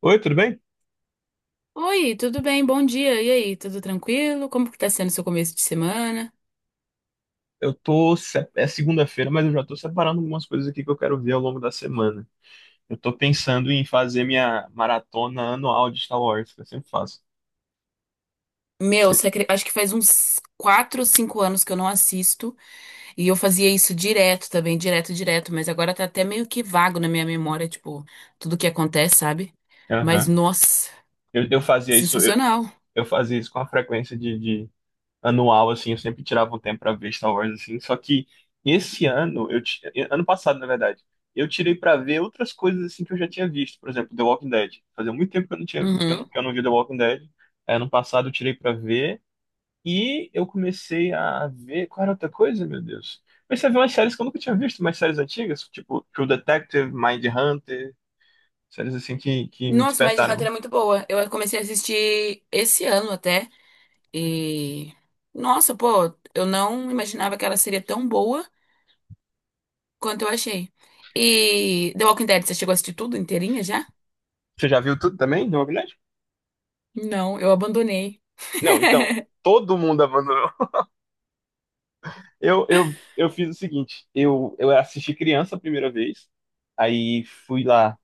Oi, tudo bem? Oi, tudo bem? Bom dia. E aí, tudo tranquilo? Como que tá sendo seu começo de semana? Eu tô. Se- É segunda-feira, mas eu já tô separando algumas coisas aqui que eu quero ver ao longo da semana. Eu tô pensando em fazer minha maratona anual de Star Wars, que eu sempre faço. Meu, Se- acho que faz uns 4, ou 5 anos que eu não assisto. E eu fazia isso direto também, direto, direto. Mas agora tá até meio que vago na minha memória, tipo, tudo que acontece, sabe? Mas, Aham. nossa, Eu fazia isso, sensacional. eu fazia isso com a frequência de anual, assim, eu sempre tirava um tempo pra ver Star Wars, assim. Só que esse ano, ano passado, na verdade, eu tirei pra ver outras coisas assim que eu já tinha visto. Por exemplo, The Walking Dead. Fazia muito tempo que eu não tinha, Uhum. que eu não via The Walking Dead. Aí, ano passado eu tirei pra ver. E eu comecei a ver. Qual era outra coisa, meu Deus? Comecei a ver umas séries que eu nunca tinha visto, umas séries antigas, tipo True Detective, Mindhunter, séries assim que me Nossa, mas despertaram. Hunter é muito boa. Eu comecei a assistir esse ano até. E. Nossa, pô, eu não imaginava que ela seria tão boa. Quanto eu achei. E The Walking Dead, você chegou a assistir tudo inteirinha já? Você já viu tudo também do Magnético? Não, eu abandonei. Não, então, todo mundo abandonou. Eu fiz o seguinte: eu assisti criança a primeira vez, aí fui lá,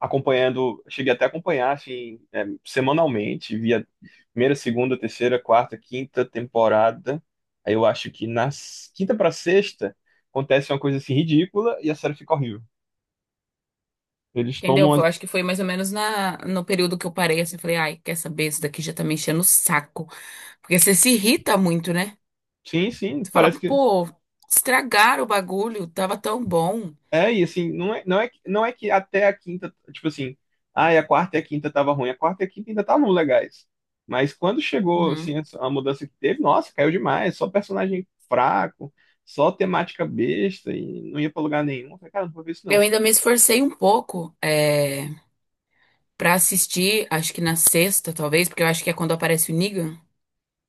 acompanhando, cheguei até a acompanhar, assim, é, semanalmente, via primeira, segunda, terceira, quarta, quinta temporada. Aí eu acho que quinta pra sexta acontece uma coisa assim ridícula e a série fica horrível. Eles Entendeu? tomam as... Eu acho que foi mais ou menos na, no período que eu parei, assim, falei, ai, quer saber, isso daqui já tá me enchendo o saco. Porque você se irrita muito, né? Sim, sim, Você fala, parece que pô, estragaram o bagulho, tava tão bom. é. E assim, não é que até a quinta, tipo assim, ai, a quarta e a quinta tava ruim, a quarta e a quinta ainda estavam legais. Mas quando chegou, Uhum. assim, a mudança que teve, nossa, caiu demais, só personagem fraco, só temática besta e não ia pra lugar nenhum. Eu falei, cara, não vou ver isso Eu não. ainda me esforcei um pouco, pra assistir, acho que na sexta, talvez, porque eu acho que é quando aparece o Negan.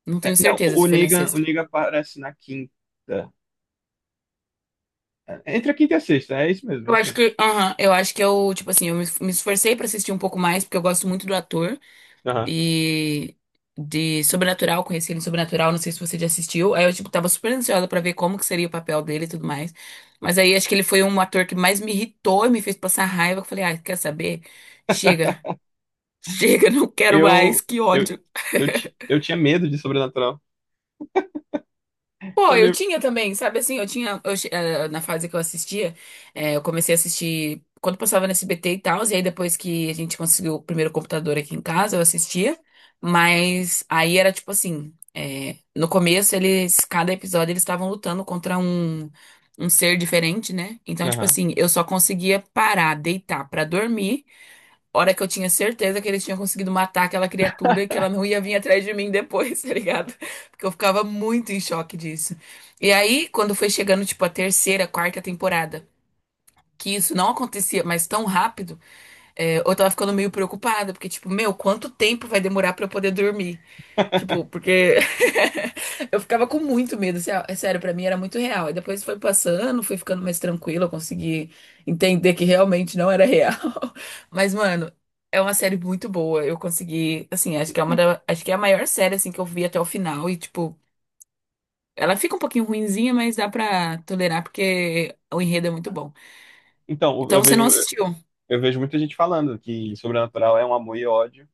Não É, tenho não, certeza o se o foi na Negan, o sexta. Negan aparece na quinta. É, entre a quinta e a sexta, é isso mesmo, é Eu isso acho mesmo. que, aham, eu acho que eu, tipo assim, eu me esforcei pra assistir um pouco mais, porque eu gosto muito do ator Aham. e de Sobrenatural, conheci ele em Sobrenatural, não sei se você já assistiu. Aí eu, tipo, tava super ansiosa pra ver como que seria o papel dele e tudo mais. Mas aí acho que ele foi um ator que mais me irritou e me fez passar raiva. Eu falei, ah, quer saber? Chega, chega, não quero mais, Eu, que eu, ódio. Eu tinha medo de Sobrenatural. Pô, Eu eu lembro. tinha também, sabe assim, eu tinha, na fase que eu assistia, eu comecei a assistir quando passava no SBT e tal, e aí depois que a gente conseguiu o primeiro computador aqui em casa, eu assistia, mas aí era tipo assim, no começo eles, cada episódio eles estavam lutando contra um ser diferente, né? Então, tipo Aham. assim, eu só conseguia parar, deitar pra dormir. Hora que eu tinha certeza que eles tinham conseguido matar aquela criatura e que ela não ia vir atrás de mim depois, tá ligado? Porque eu ficava muito em choque disso. E aí, quando foi chegando, tipo, a terceira, quarta temporada, que isso não acontecia mais tão rápido, é, eu tava ficando meio preocupada, porque, tipo, meu, quanto tempo vai demorar pra eu poder dormir? Tipo, porque eu ficava com muito medo, é sério, pra mim era muito real. E depois foi passando, fui ficando mais tranquila, eu consegui entender que realmente não era real. Mas, mano, é uma série muito boa. Eu consegui, assim, acho que é uma da, acho que é a maior série assim que eu vi até o final e tipo, ela fica um pouquinho ruinzinha, mas dá pra tolerar porque o enredo é muito bom. Então, eu Então, você vejo, não assistiu? eu vejo muita gente falando que Sobrenatural é um amor e ódio.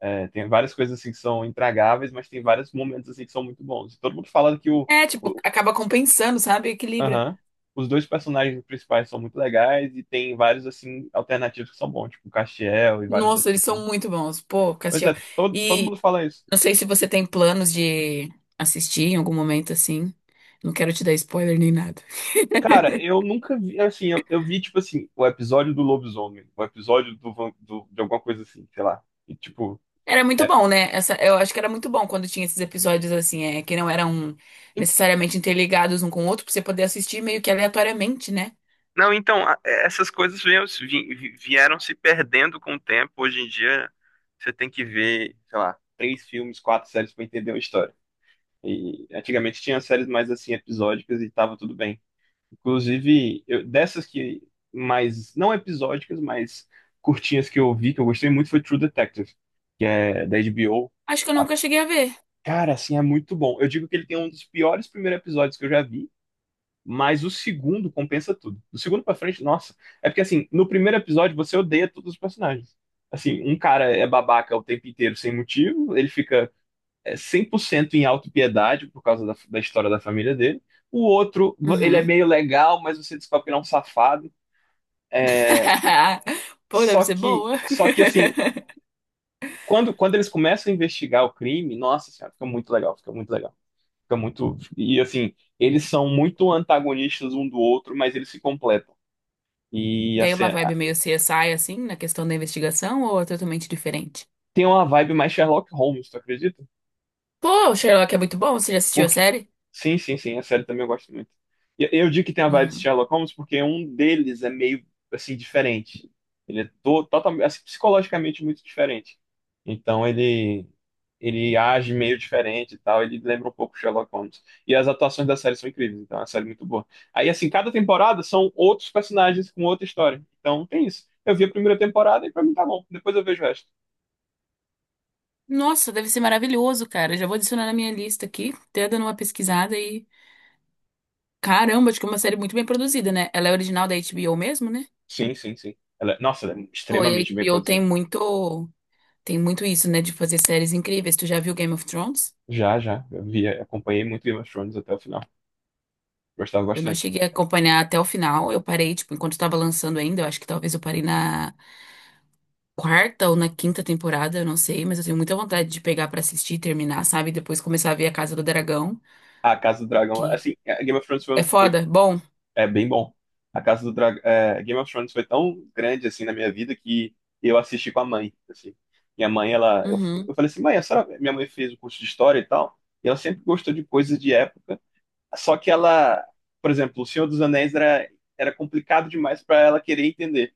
É, tem várias coisas assim que são intragáveis, mas tem vários momentos assim que são muito bons. E todo mundo fala que É, tipo, o- acaba compensando, sabe? Equilibra. aham, os dois personagens principais são muito legais e tem vários assim alternativos que são bons, tipo o Castiel e vários Nossa, outros eles assim. são muito bons. Pô, Pois Castiel. é, todo mundo fala isso. Não sei se você tem planos de assistir em algum momento assim. Não quero te dar spoiler nem nada. Cara, eu nunca vi, assim, eu vi, tipo assim, o episódio do lobisomem, o episódio do, de alguma coisa assim, sei lá. E, tipo, Era muito é, bom, né? Essa, eu acho que era muito bom quando tinha esses episódios assim, é, que não eram necessariamente interligados um com o outro, pra você poder assistir meio que aleatoriamente, né? não, então, é, essas coisas vieram, vieram se perdendo com o tempo. Hoje em dia, você tem que ver, sei lá, três filmes, quatro séries para entender uma história. E antigamente tinha séries mais assim, episódicas e tava tudo bem. Inclusive, dessas que mais, não episódicas, mas curtinhas que eu vi, que eu gostei muito, foi True Detective, que é da HBO. Acho que eu Ah, nunca cheguei a ver. cara, assim, é muito bom. Eu digo que ele tem um dos piores primeiros episódios que eu já vi, mas o segundo compensa tudo. Do segundo pra frente, nossa. É porque assim, no primeiro episódio você odeia todos os personagens. Assim, um cara é babaca o tempo inteiro sem motivo, ele fica é, 100% em autopiedade por causa da história da família dele. O outro, ele é Uhum. meio legal, mas você descobre que ele é um safado. É, Pô, deve Só ser que, boa. só que assim, quando eles começam a investigar o crime, nossa senhora, fica muito legal, fica muito legal. Fica muito. E assim, eles são muito antagonistas um do outro, mas eles se completam. E Tem assim, uma vibe meio CSI, assim, na questão da investigação, ou é totalmente diferente? tem uma vibe mais Sherlock Holmes, tu acredita? Pô, Sherlock é muito bom, você já assistiu a Porque série? sim, sim, sim, a série também eu gosto muito. E eu digo que tem a vibe de Uhum. Sherlock Holmes porque um deles é meio assim diferente. Ele é totalmente assim, psicologicamente muito diferente. Então ele age meio diferente e tal, ele lembra um pouco Sherlock Holmes. E as atuações da série são incríveis, então é uma série muito boa. Aí assim, cada temporada são outros personagens com outra história. Então tem isso. Eu vi a primeira temporada e pra mim tá bom. Depois eu vejo o resto. Nossa, deve ser maravilhoso, cara. Já vou adicionar na minha lista aqui, até dando uma pesquisada e. Caramba, acho que é uma série muito bem produzida, né? Ela é original da HBO mesmo, né? Sim, sim, sim. Ela, nossa, ela é Pô, e a extremamente bem HBO tem produzida. muito. Tem muito isso, né? De fazer séries incríveis. Tu já viu Game of Thrones? Já, já. Eu vi, acompanhei muito Game of Thrones até o final. Gostava Eu não bastante. cheguei a acompanhar até o final. Eu parei, tipo, enquanto tava lançando ainda. Eu acho que talvez eu parei na quarta ou na quinta temporada, eu não sei. Mas eu tenho muita vontade de pegar pra assistir, terminar, sabe? E depois começar a ver A Casa do Dragão, A Casa do Dragão, que assim, a Game of Thrones é foi, foi- foda. Bom, é bem bom. A Casa do Dragão, é, Game of Thrones foi tão grande assim na minha vida que eu assisti com a mãe, assim. Minha mãe, ela, uhum, eu falei assim, mãe, a senhora, minha mãe fez o curso de história e tal, e ela sempre gostou de coisas de época. Só que ela, por exemplo, O Senhor dos Anéis era complicado demais para ela querer entender.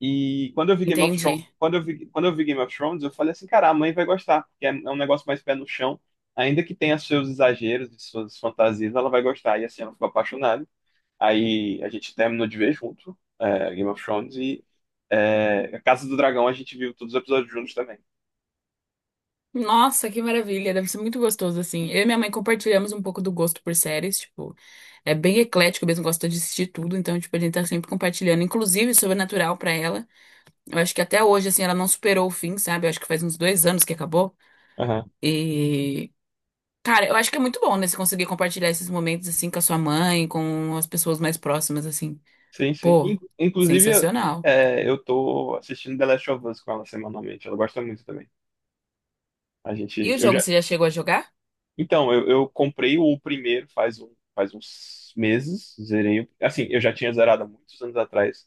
E quando eu vi Game of Thrones, entendi. Quando eu vi Game of Thrones, eu falei assim, cara, a mãe vai gostar, porque é um negócio mais pé no chão, ainda que tenha seus exageros e suas fantasias, ela vai gostar. E assim, ela ficou apaixonada. Aí a gente terminou de ver junto, é, Game of Thrones e é, Casa do Dragão, a gente viu todos os episódios juntos também. Nossa, que maravilha, deve ser muito gostoso assim. Eu e minha mãe compartilhamos um pouco do gosto por séries, tipo, é bem eclético mesmo, gosta de assistir tudo, então, tipo, a gente tá sempre compartilhando, inclusive Sobrenatural pra ela. Eu acho que até hoje, assim, ela não superou o fim, sabe? Eu acho que faz uns 2 anos que acabou. Aham. E, cara, eu acho que é muito bom, né, você conseguir compartilhar esses momentos, assim, com a sua mãe, com as pessoas mais próximas, assim. Sim, sim. Pô, Inclusive, sensacional. é, eu tô assistindo The Last of Us com ela semanalmente. Ela gosta muito também. A E gente, o eu jogo, já, você já chegou a jogar? então, eu comprei o primeiro faz, um, faz uns meses, zerei. Assim, eu já tinha zerado há muitos anos atrás.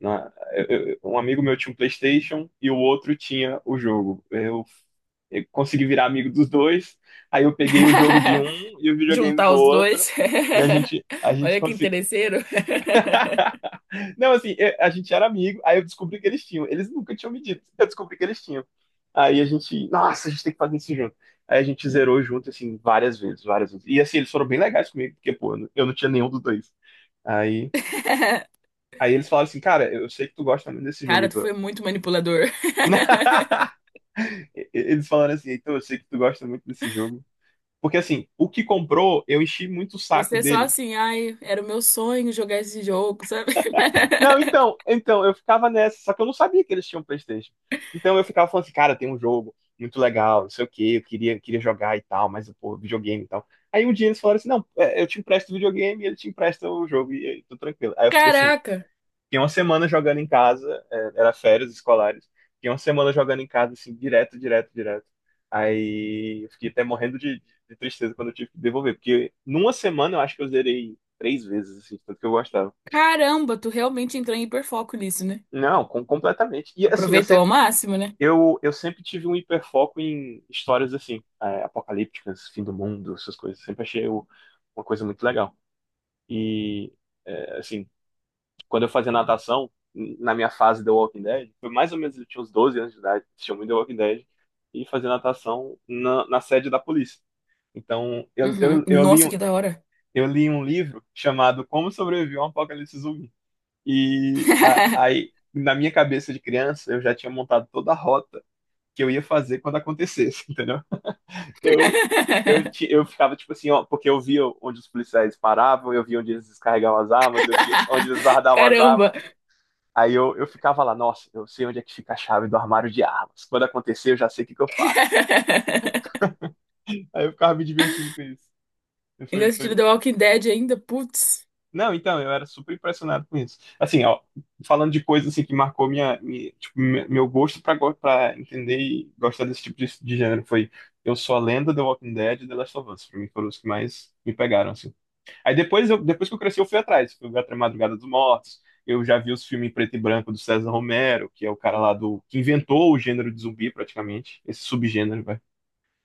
Um amigo meu tinha um PlayStation e o outro tinha o jogo. Eu consegui virar amigo dos dois, aí eu peguei o jogo de um e o videogame Juntar do os outro, dois? e a gente, a gente Olha que conseguiu. interesseiro. Não, assim, a gente era amigo, aí eu descobri que eles tinham. Eles nunca tinham me dito, eu descobri que eles tinham. Aí a gente, nossa, a gente tem que fazer isso junto. Aí a gente zerou junto, assim, várias vezes, várias vezes. E assim, eles foram bem legais comigo, porque, pô, eu não tinha nenhum dos dois. Aí, aí eles falaram assim, cara, eu sei que tu gosta muito desse jogo, Cara, tu Heitor. foi muito manipulador. Eles falaram assim, Heitor, eu sei que tu gosta muito desse jogo. Porque assim, o que comprou, eu enchi muito o saco Você só dele. assim, ai, era o meu sonho jogar esse jogo, sabe? Não, eu ficava nessa, só que eu não sabia que eles tinham PlayStation. Então eu ficava falando assim, cara, tem um jogo muito legal, não sei o quê, eu queria jogar e tal, mas, pô, videogame e tal. Aí um dia eles falaram assim, não, é, eu te empresto o videogame e ele te empresta o jogo, e aí, tô tranquilo. Aí eu fiquei assim, Caraca, fiquei uma semana jogando em casa, é, era férias escolares, fiquei uma semana jogando em casa, assim, direto, direto, direto. Aí eu fiquei até morrendo de tristeza quando eu tive que devolver, porque numa semana eu acho que eu zerei três vezes, assim, tanto que eu gostava. caramba, tu realmente entrou em hiperfoco nisso, né? Não, completamente. E assim, eu Aproveitou sempre, ao máximo, né? eu sempre tive um hiperfoco em histórias assim, é, apocalípticas, fim do mundo, essas coisas. Sempre achei uma coisa muito legal. E, é, assim, quando eu fazia natação, na minha fase The Walking Dead, foi mais ou menos, eu tinha uns 12 anos de idade, assistia muito The Walking Dead, e fazia natação na, na sede da polícia. Então, eu, Uhum. eu, eu li, Nossa, que da hora. eu li um livro chamado Como Sobreviver a um Apocalipse Zumbi. E aí, na minha cabeça de criança, eu já tinha montado toda a rota que eu ia fazer quando acontecesse, entendeu? Eu, eu ficava tipo assim, ó, porque eu via onde os policiais paravam, eu via onde eles descarregavam as armas, eu via onde eles guardavam as Caramba. armas. Aí eu ficava lá, nossa, eu sei onde é que fica a chave do armário de armas. Quando acontecer, eu já sei o que que eu faço. Aí eu ficava me divertindo com isso. Ainda Foi, assistindo foi, The Walking Dead ainda, putz. não, então, eu era super impressionado com isso. Assim, ó, falando de coisas assim que marcou minha, tipo, meu gosto pra pra entender e gostar desse tipo de gênero foi Eu Sou a Lenda, The Walking Dead e The Last of Us. Pra mim foram os que mais me pegaram, assim. Aí depois, eu, depois que eu cresci, eu fui atrás. Fui ver A Madrugada dos Mortos. Eu já vi os filmes em preto e branco do César Romero, que é o cara lá do, que inventou o gênero de zumbi, praticamente. Esse subgênero, vai.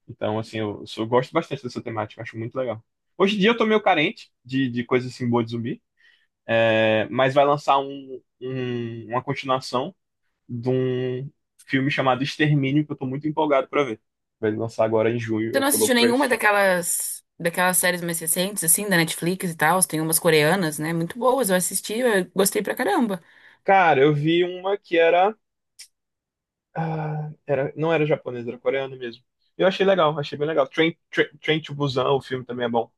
Então, assim, eu, eu gosto bastante dessa temática, acho muito legal. Hoje em dia eu tô meio carente de coisas assim boas de zumbi. É, mas vai lançar uma continuação de um filme chamado Extermínio, que eu tô muito empolgado pra ver. Vai lançar agora em junho, Você eu não tô assistiu louco pra nenhuma isso. daquelas séries mais recentes, assim, da Netflix e tal? Tem umas coreanas, né? Muito boas. Eu assisti, eu gostei pra caramba. Cara, eu vi uma que era, ah, era não era japonesa, era coreana mesmo. Eu achei legal, achei bem legal. Train to Busan, o filme também é bom,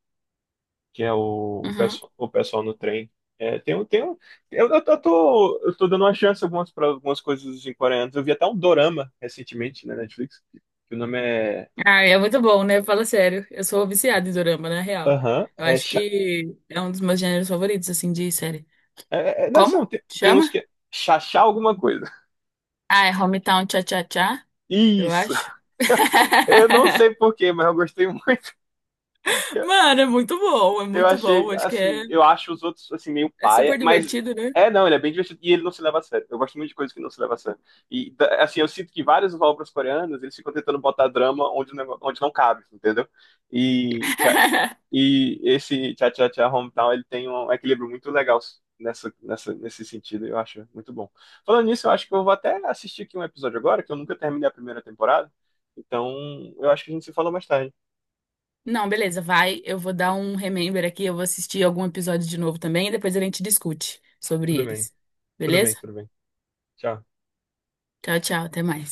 que é Uhum. pessoal, o pessoal no trem. É, tem, um- eu tô dando uma chance para algumas coisas em coreanos. Eu vi até um dorama recentemente na Netflix, que o nome é Ah, é muito bom, né? Fala sério. Eu sou viciada em dorama, na real. aham, Eu é, acho cha... que é um dos meus gêneros favoritos, assim, de série. é, é, não, assim, Como? tem, tem uns Chama? que é chachá alguma coisa. Ah, é Hometown Cha-Cha-Cha, eu Isso. acho. Eu não sei por quê, mas eu gostei muito. Mano, é muito bom, é Eu muito bom. achei, Acho que é, assim, eu acho os outros, assim, meio é paia, super mas divertido, né? é, não, ele é bem divertido e ele não se leva a sério. Eu gosto muito de coisas que não se leva a sério. E, assim, eu sinto que vários obras coreanas, eles ficam tentando botar drama onde, onde não cabe, entendeu? E e esse Tchá Tchá Tchá Hometown, ele tem um equilíbrio muito legal nesse sentido, eu acho muito bom. Falando nisso, eu acho que eu vou até assistir aqui um episódio agora, que eu nunca terminei a primeira temporada. Então, eu acho que a gente se fala mais tarde. Não, beleza, vai. Eu vou dar um remember aqui, eu vou assistir algum episódio de novo também e depois a gente discute sobre Tudo bem, eles. Beleza? tudo bem. Tchau. Tchau, tchau, até mais.